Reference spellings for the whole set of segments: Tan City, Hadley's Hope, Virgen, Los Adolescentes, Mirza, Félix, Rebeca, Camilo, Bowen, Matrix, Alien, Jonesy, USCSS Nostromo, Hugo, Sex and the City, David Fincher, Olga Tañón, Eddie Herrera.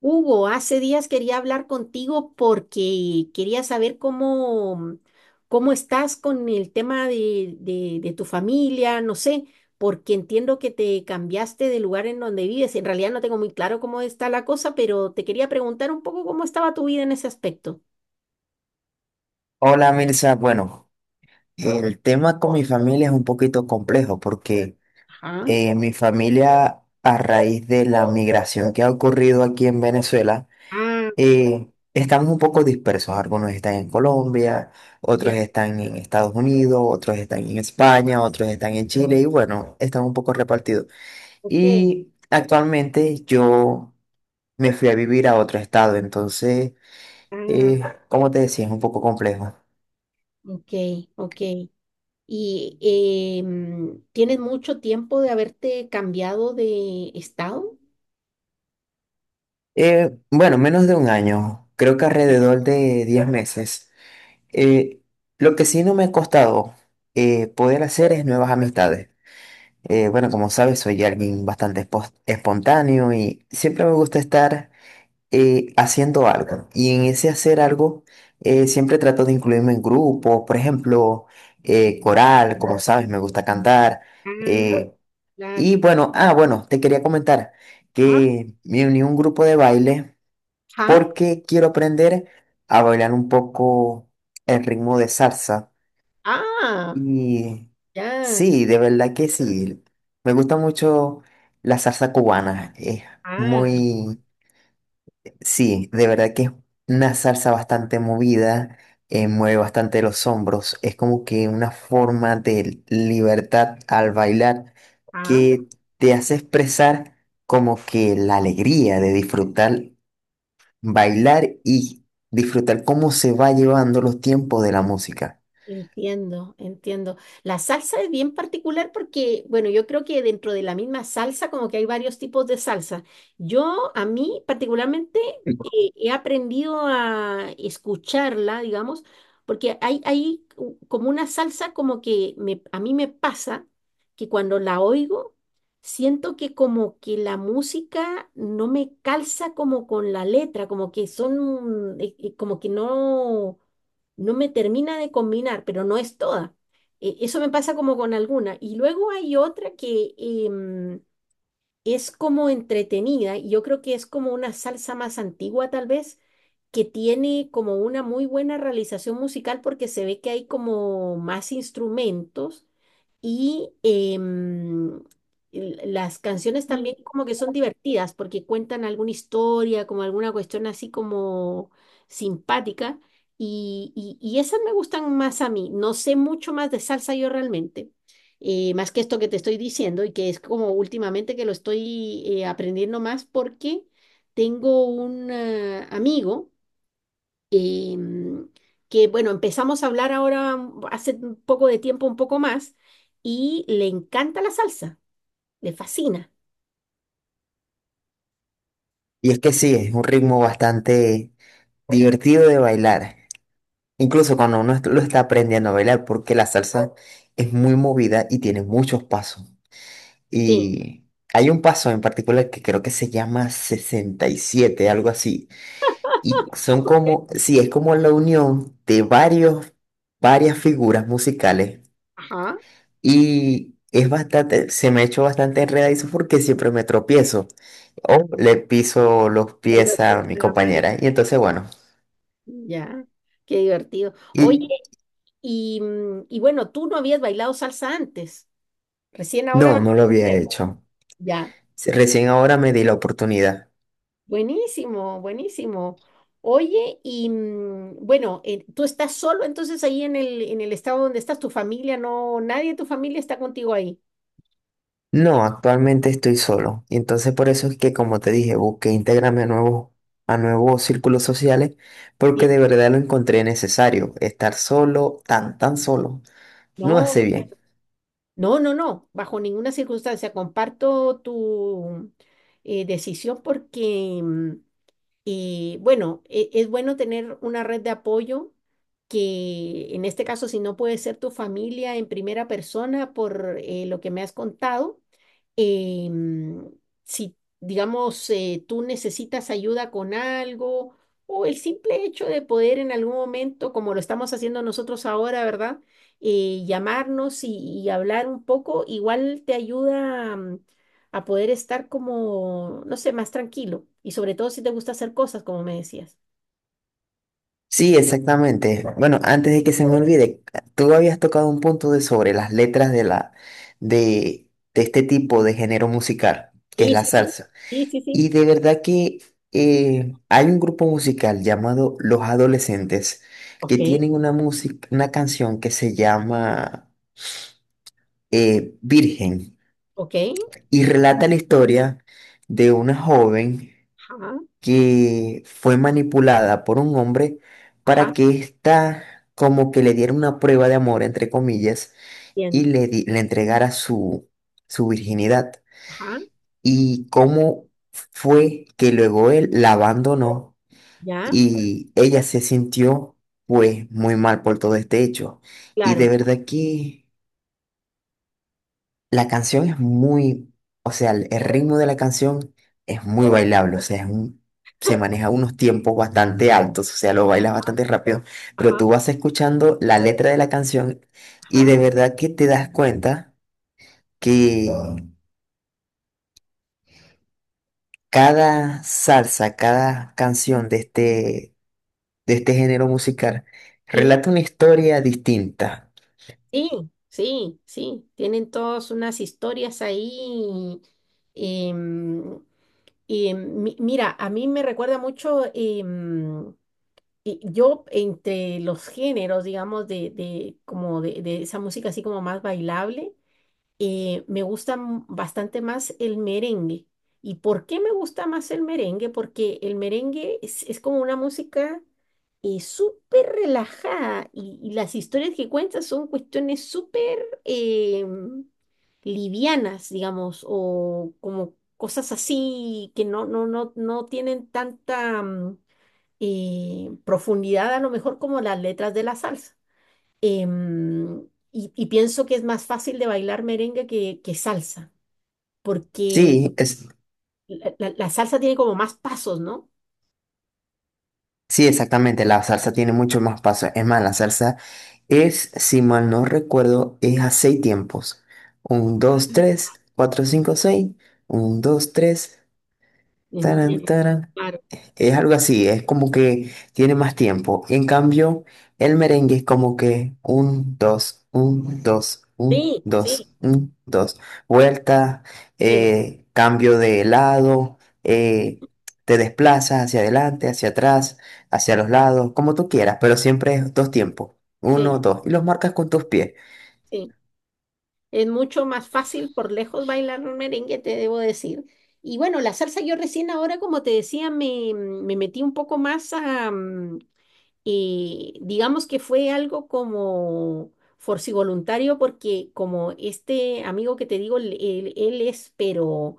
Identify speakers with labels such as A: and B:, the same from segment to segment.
A: Hugo, hace días quería hablar contigo porque quería saber cómo, cómo estás con el tema de, de tu familia, no sé, porque entiendo que te cambiaste de lugar en donde vives. En realidad no tengo muy claro cómo está la cosa, pero te quería preguntar un poco cómo estaba tu vida en ese aspecto.
B: Hola Mirza, bueno, el tema con mi familia es un poquito complejo porque
A: Ajá.
B: mi familia a raíz de la migración que ha ocurrido aquí en Venezuela,
A: Ah,
B: estamos un poco dispersos. Algunos están en Colombia,
A: ya,
B: otros están en Estados Unidos, otros están en España, otros están en Chile y bueno, están un poco repartidos.
A: ok.
B: Y actualmente yo me fui a vivir a otro estado, entonces,
A: Ah,
B: eh, como te decía, es un poco complejo.
A: ok, ok. ¿Y tienes mucho tiempo de haberte cambiado de estado?
B: Bueno, menos de un año, creo que alrededor de 10 meses. Eh, lo que sí no me ha costado poder hacer es nuevas amistades. Bueno, como sabes, soy alguien bastante espontáneo y siempre me gusta estar haciendo algo. Y en ese hacer algo, siempre trato de incluirme en grupos, por ejemplo, coral, como sabes, me gusta cantar.
A: Ah,
B: eh,
A: claro.
B: y bueno, te quería comentar
A: Ah,
B: que me uní a un grupo de baile
A: ah,
B: porque quiero aprender a bailar un poco el ritmo de salsa.
A: ah,
B: Y
A: ya,
B: sí, de verdad que sí. Me gusta mucho la salsa cubana. Es
A: ah,
B: muy, sí, de verdad que es una salsa bastante movida, mueve bastante los hombros. Es como que una forma de libertad al bailar
A: ah.
B: que te hace expresar como que la alegría de disfrutar bailar y disfrutar cómo se va llevando los tiempos de la música.
A: Entiendo, entiendo. La salsa es bien particular porque, bueno, yo creo que dentro de la misma salsa como que hay varios tipos de salsa. Yo, a mí particularmente, he aprendido a escucharla, digamos, porque como una salsa como que me, a mí me pasa que cuando la oigo, siento que como que la música no me calza como con la letra, como que son, como que no me termina de combinar, pero no es toda. Eso me pasa como con alguna. Y luego hay otra que es como entretenida, y yo creo que es como una salsa más antigua tal vez, que tiene como una muy buena realización musical porque se ve que hay como más instrumentos y las canciones también como que son divertidas porque cuentan alguna historia, como alguna cuestión así como simpática. Y, y esas me gustan más a mí. No sé mucho más de salsa yo realmente, más que esto que te estoy diciendo y que es como últimamente que lo estoy aprendiendo más porque tengo un amigo em, que bueno, empezamos a hablar ahora hace un poco de tiempo, un poco más, y le encanta la salsa, le fascina.
B: Y es que sí, es un ritmo bastante divertido de bailar, incluso cuando uno lo está aprendiendo a bailar, porque la salsa es muy movida y tiene muchos pasos.
A: Sí.
B: Y hay un paso en particular que creo que se llama 67 algo así. Y son como, sí, es como la unión de varias figuras musicales.
A: Ajá.
B: Y es bastante, se me ha hecho bastante enredadizo porque siempre me tropiezo o le piso los pies a
A: Entonces,
B: mi
A: la pared.
B: compañera. Y entonces, bueno,
A: Ya, qué divertido. Oye,
B: y
A: y, y bueno, tú no habías bailado salsa antes, recién ahora vas
B: no, no
A: a
B: lo había
A: aprender.
B: hecho.
A: Ya,
B: Sí, recién ahora me di la oportunidad.
A: buenísimo, buenísimo. Oye, y bueno, tú estás solo entonces ahí en el estado donde estás, tu familia no, nadie de tu familia está contigo ahí.
B: No, actualmente estoy solo. Y entonces por eso es que, como te dije, busqué integrarme a a nuevos círculos sociales porque de verdad lo encontré necesario. Estar solo, tan, tan solo, no hace
A: No,
B: bien.
A: no, no, no, bajo ninguna circunstancia. Comparto tu decisión porque y bueno, es bueno tener una red de apoyo que en este caso, si no puede ser tu familia en primera persona por lo que me has contado, em, si digamos tú necesitas ayuda con algo o el simple hecho de poder en algún momento, como lo estamos haciendo nosotros ahora, ¿verdad? Llamarnos y hablar un poco, igual te ayuda, a poder estar como, no sé, más tranquilo. Y sobre todo si te gusta hacer cosas, como me decías.
B: Sí, exactamente. Bueno, antes de que se me olvide, tú habías tocado un punto de sobre las letras de la de, de este tipo de género musical, que es
A: Sí,
B: la
A: sí, sí,
B: salsa.
A: sí, sí, sí.
B: Y de verdad que hay un grupo musical llamado Los Adolescentes
A: Ok.
B: que tienen una música, una canción que se llama Virgen
A: ¿Ok?
B: y relata la historia de una joven
A: Ajá,
B: que fue manipulada por un hombre para
A: ajá,
B: que ésta como que le diera una prueba de amor, entre comillas, y
A: bien.
B: le entregara su virginidad.
A: Ajá,
B: Y cómo fue que luego él la abandonó
A: ya,
B: y ella se sintió pues muy mal por todo este hecho. Y de
A: claro,
B: verdad que... La canción es muy, o sea, el ritmo de la canción es muy bailable, o sea, se maneja unos tiempos bastante altos, o sea, lo bailas bastante rápido, pero
A: ajá,
B: tú vas escuchando la letra de la canción y de
A: ajá,
B: verdad que te das cuenta que cada salsa, cada canción de este género musical
A: sí,
B: relata una historia distinta.
A: sí, sí, sí. Tienen todas unas historias ahí. em, y mira, a mí me recuerda mucho, y yo entre los géneros, digamos, de, como de esa música así como más bailable. Me gusta bastante más el merengue. ¿Y por qué me gusta más el merengue? Porque el merengue es como una música súper relajada y las historias que cuentan son cuestiones súper livianas, digamos, o como cosas así que no, no, no, no tienen tanta mm, profundidad a lo mejor como las letras de la salsa. Em, y pienso que es más fácil de bailar merengue que salsa, porque
B: Sí, es
A: la, la salsa tiene como más pasos, ¿no?
B: Sí, exactamente, la salsa tiene mucho más paso. Es más, la salsa es, si mal no recuerdo, es a seis tiempos. Un, dos, tres, cuatro, cinco, seis. Un, dos, tres, taran,
A: Entiendo.
B: taran.
A: Claro.
B: Es algo así, es como que tiene más tiempo. En cambio, el merengue es como que un, dos, un, dos, un,
A: Sí, sí,
B: dos, un, dos. Vuelta,
A: sí,
B: cambio de lado, eh, te desplazas hacia adelante, hacia atrás, hacia los lados, como tú quieras, pero siempre es dos tiempos. Uno,
A: sí,
B: dos. Y los marcas con tus pies.
A: sí. Es mucho más fácil por lejos bailar un merengue, te debo decir. Y bueno, la salsa yo recién ahora, como te decía, me metí un poco más a, digamos que fue algo como forcivoluntario porque como este amigo que te digo, él, él es pero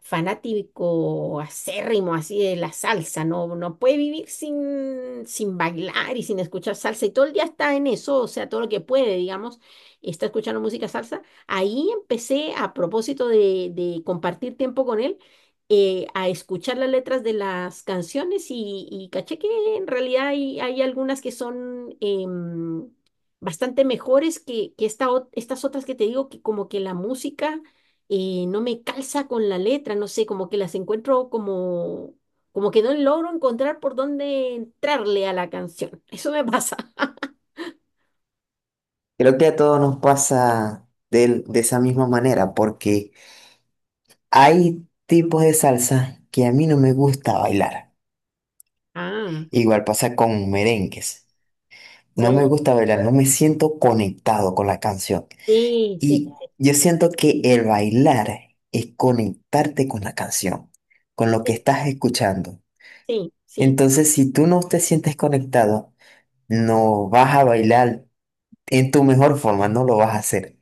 A: fanático acérrimo así de la salsa, no, no puede vivir sin, sin bailar y sin escuchar salsa y todo el día está en eso, o sea, todo lo que puede, digamos, está escuchando música salsa. Ahí empecé a propósito de compartir tiempo con él a escuchar las letras de las canciones y caché que en realidad hay, hay algunas que son bastante mejores que esta estas otras que te digo, que como que la música no me calza con la letra, no sé, como que las encuentro como, como que no logro encontrar por dónde entrarle a la canción. Eso me pasa.
B: Creo que a todos nos pasa de esa misma manera, porque hay tipos de salsa que a mí no me gusta bailar.
A: Ah,
B: Igual pasa con merengues. No me
A: sí,
B: gusta bailar, no me siento conectado con la canción.
A: sí, sí,
B: Y yo siento que el bailar es conectarte con la canción, con lo que
A: sí,
B: estás escuchando.
A: sí, sí.
B: Entonces, si tú no te sientes conectado, no vas a bailar en tu mejor forma, no lo vas a hacer.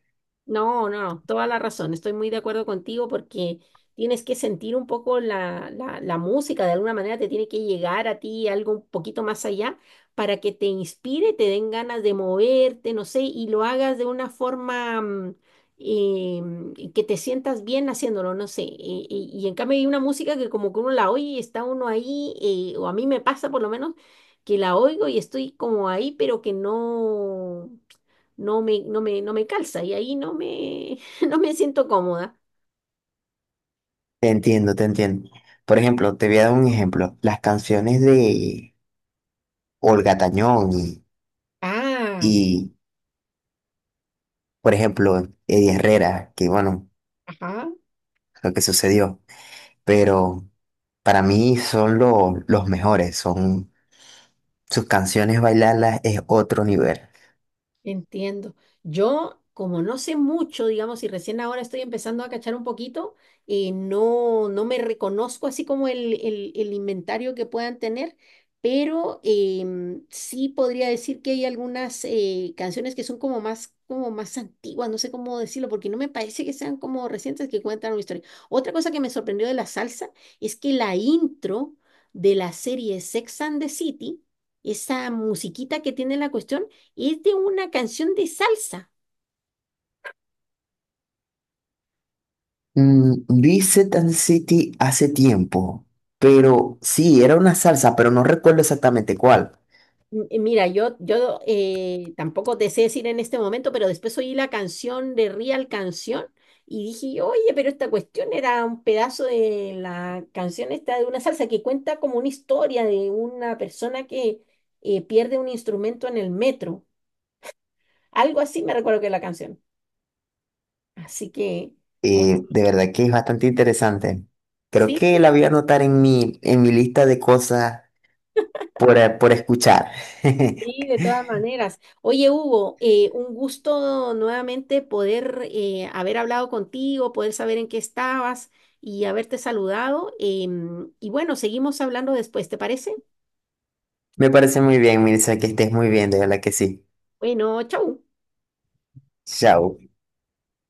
A: No, no, no, toda la razón. Estoy muy de acuerdo contigo porque tienes que sentir un poco la, la, la música, de alguna manera te tiene que llegar a ti algo un poquito más allá para que te inspire, te den ganas de moverte, no sé, y lo hagas de una forma que te sientas bien haciéndolo, no sé. Y, y en cambio hay una música que como que uno la oye y está uno ahí, o a mí me pasa por lo menos que la oigo y estoy como ahí, pero que no me, no me, no me calza y ahí no me, no me siento cómoda.
B: Te entiendo, te entiendo. Por ejemplo, te voy a dar un ejemplo. Las canciones de Olga Tañón y,
A: Ah,
B: y, por ejemplo, Eddie Herrera, que bueno,
A: ajá.
B: lo que sucedió, pero para mí son los mejores, son sus canciones, bailarlas es otro nivel.
A: Entiendo. Yo, como no sé mucho, digamos, y recién ahora estoy empezando a cachar un poquito, no, no me reconozco así como el, el inventario que puedan tener, pero sí podría decir que hay algunas canciones que son como más antiguas, no sé cómo decirlo, porque no me parece que sean como recientes que cuentan una historia. Otra cosa que me sorprendió de la salsa es que la intro de la serie Sex and the City, esa musiquita que tiene la cuestión, es de una canción de salsa.
B: Vi Tan City hace tiempo,
A: Ajá.
B: pero sí, era una salsa, pero no recuerdo exactamente cuál.
A: Mira, yo tampoco te sé decir en este momento, pero después oí la canción de Real Canción y dije, oye, pero esta cuestión era un pedazo de la canción esta de una salsa que cuenta como una historia de una persona que pierde un instrumento en el metro. Algo así me recuerdo que es la canción. Así que, muy,
B: De verdad que es bastante interesante. Creo
A: sí,
B: que la voy a anotar en mi lista de cosas por escuchar.
A: sí, de todas maneras. Oye, Hugo, un gusto nuevamente poder haber hablado contigo, poder saber en qué estabas y haberte saludado. Y bueno, seguimos hablando después, ¿te parece?
B: Me parece muy bien, Mirza, que estés muy bien, de verdad que sí.
A: Bueno, chau.
B: Chao.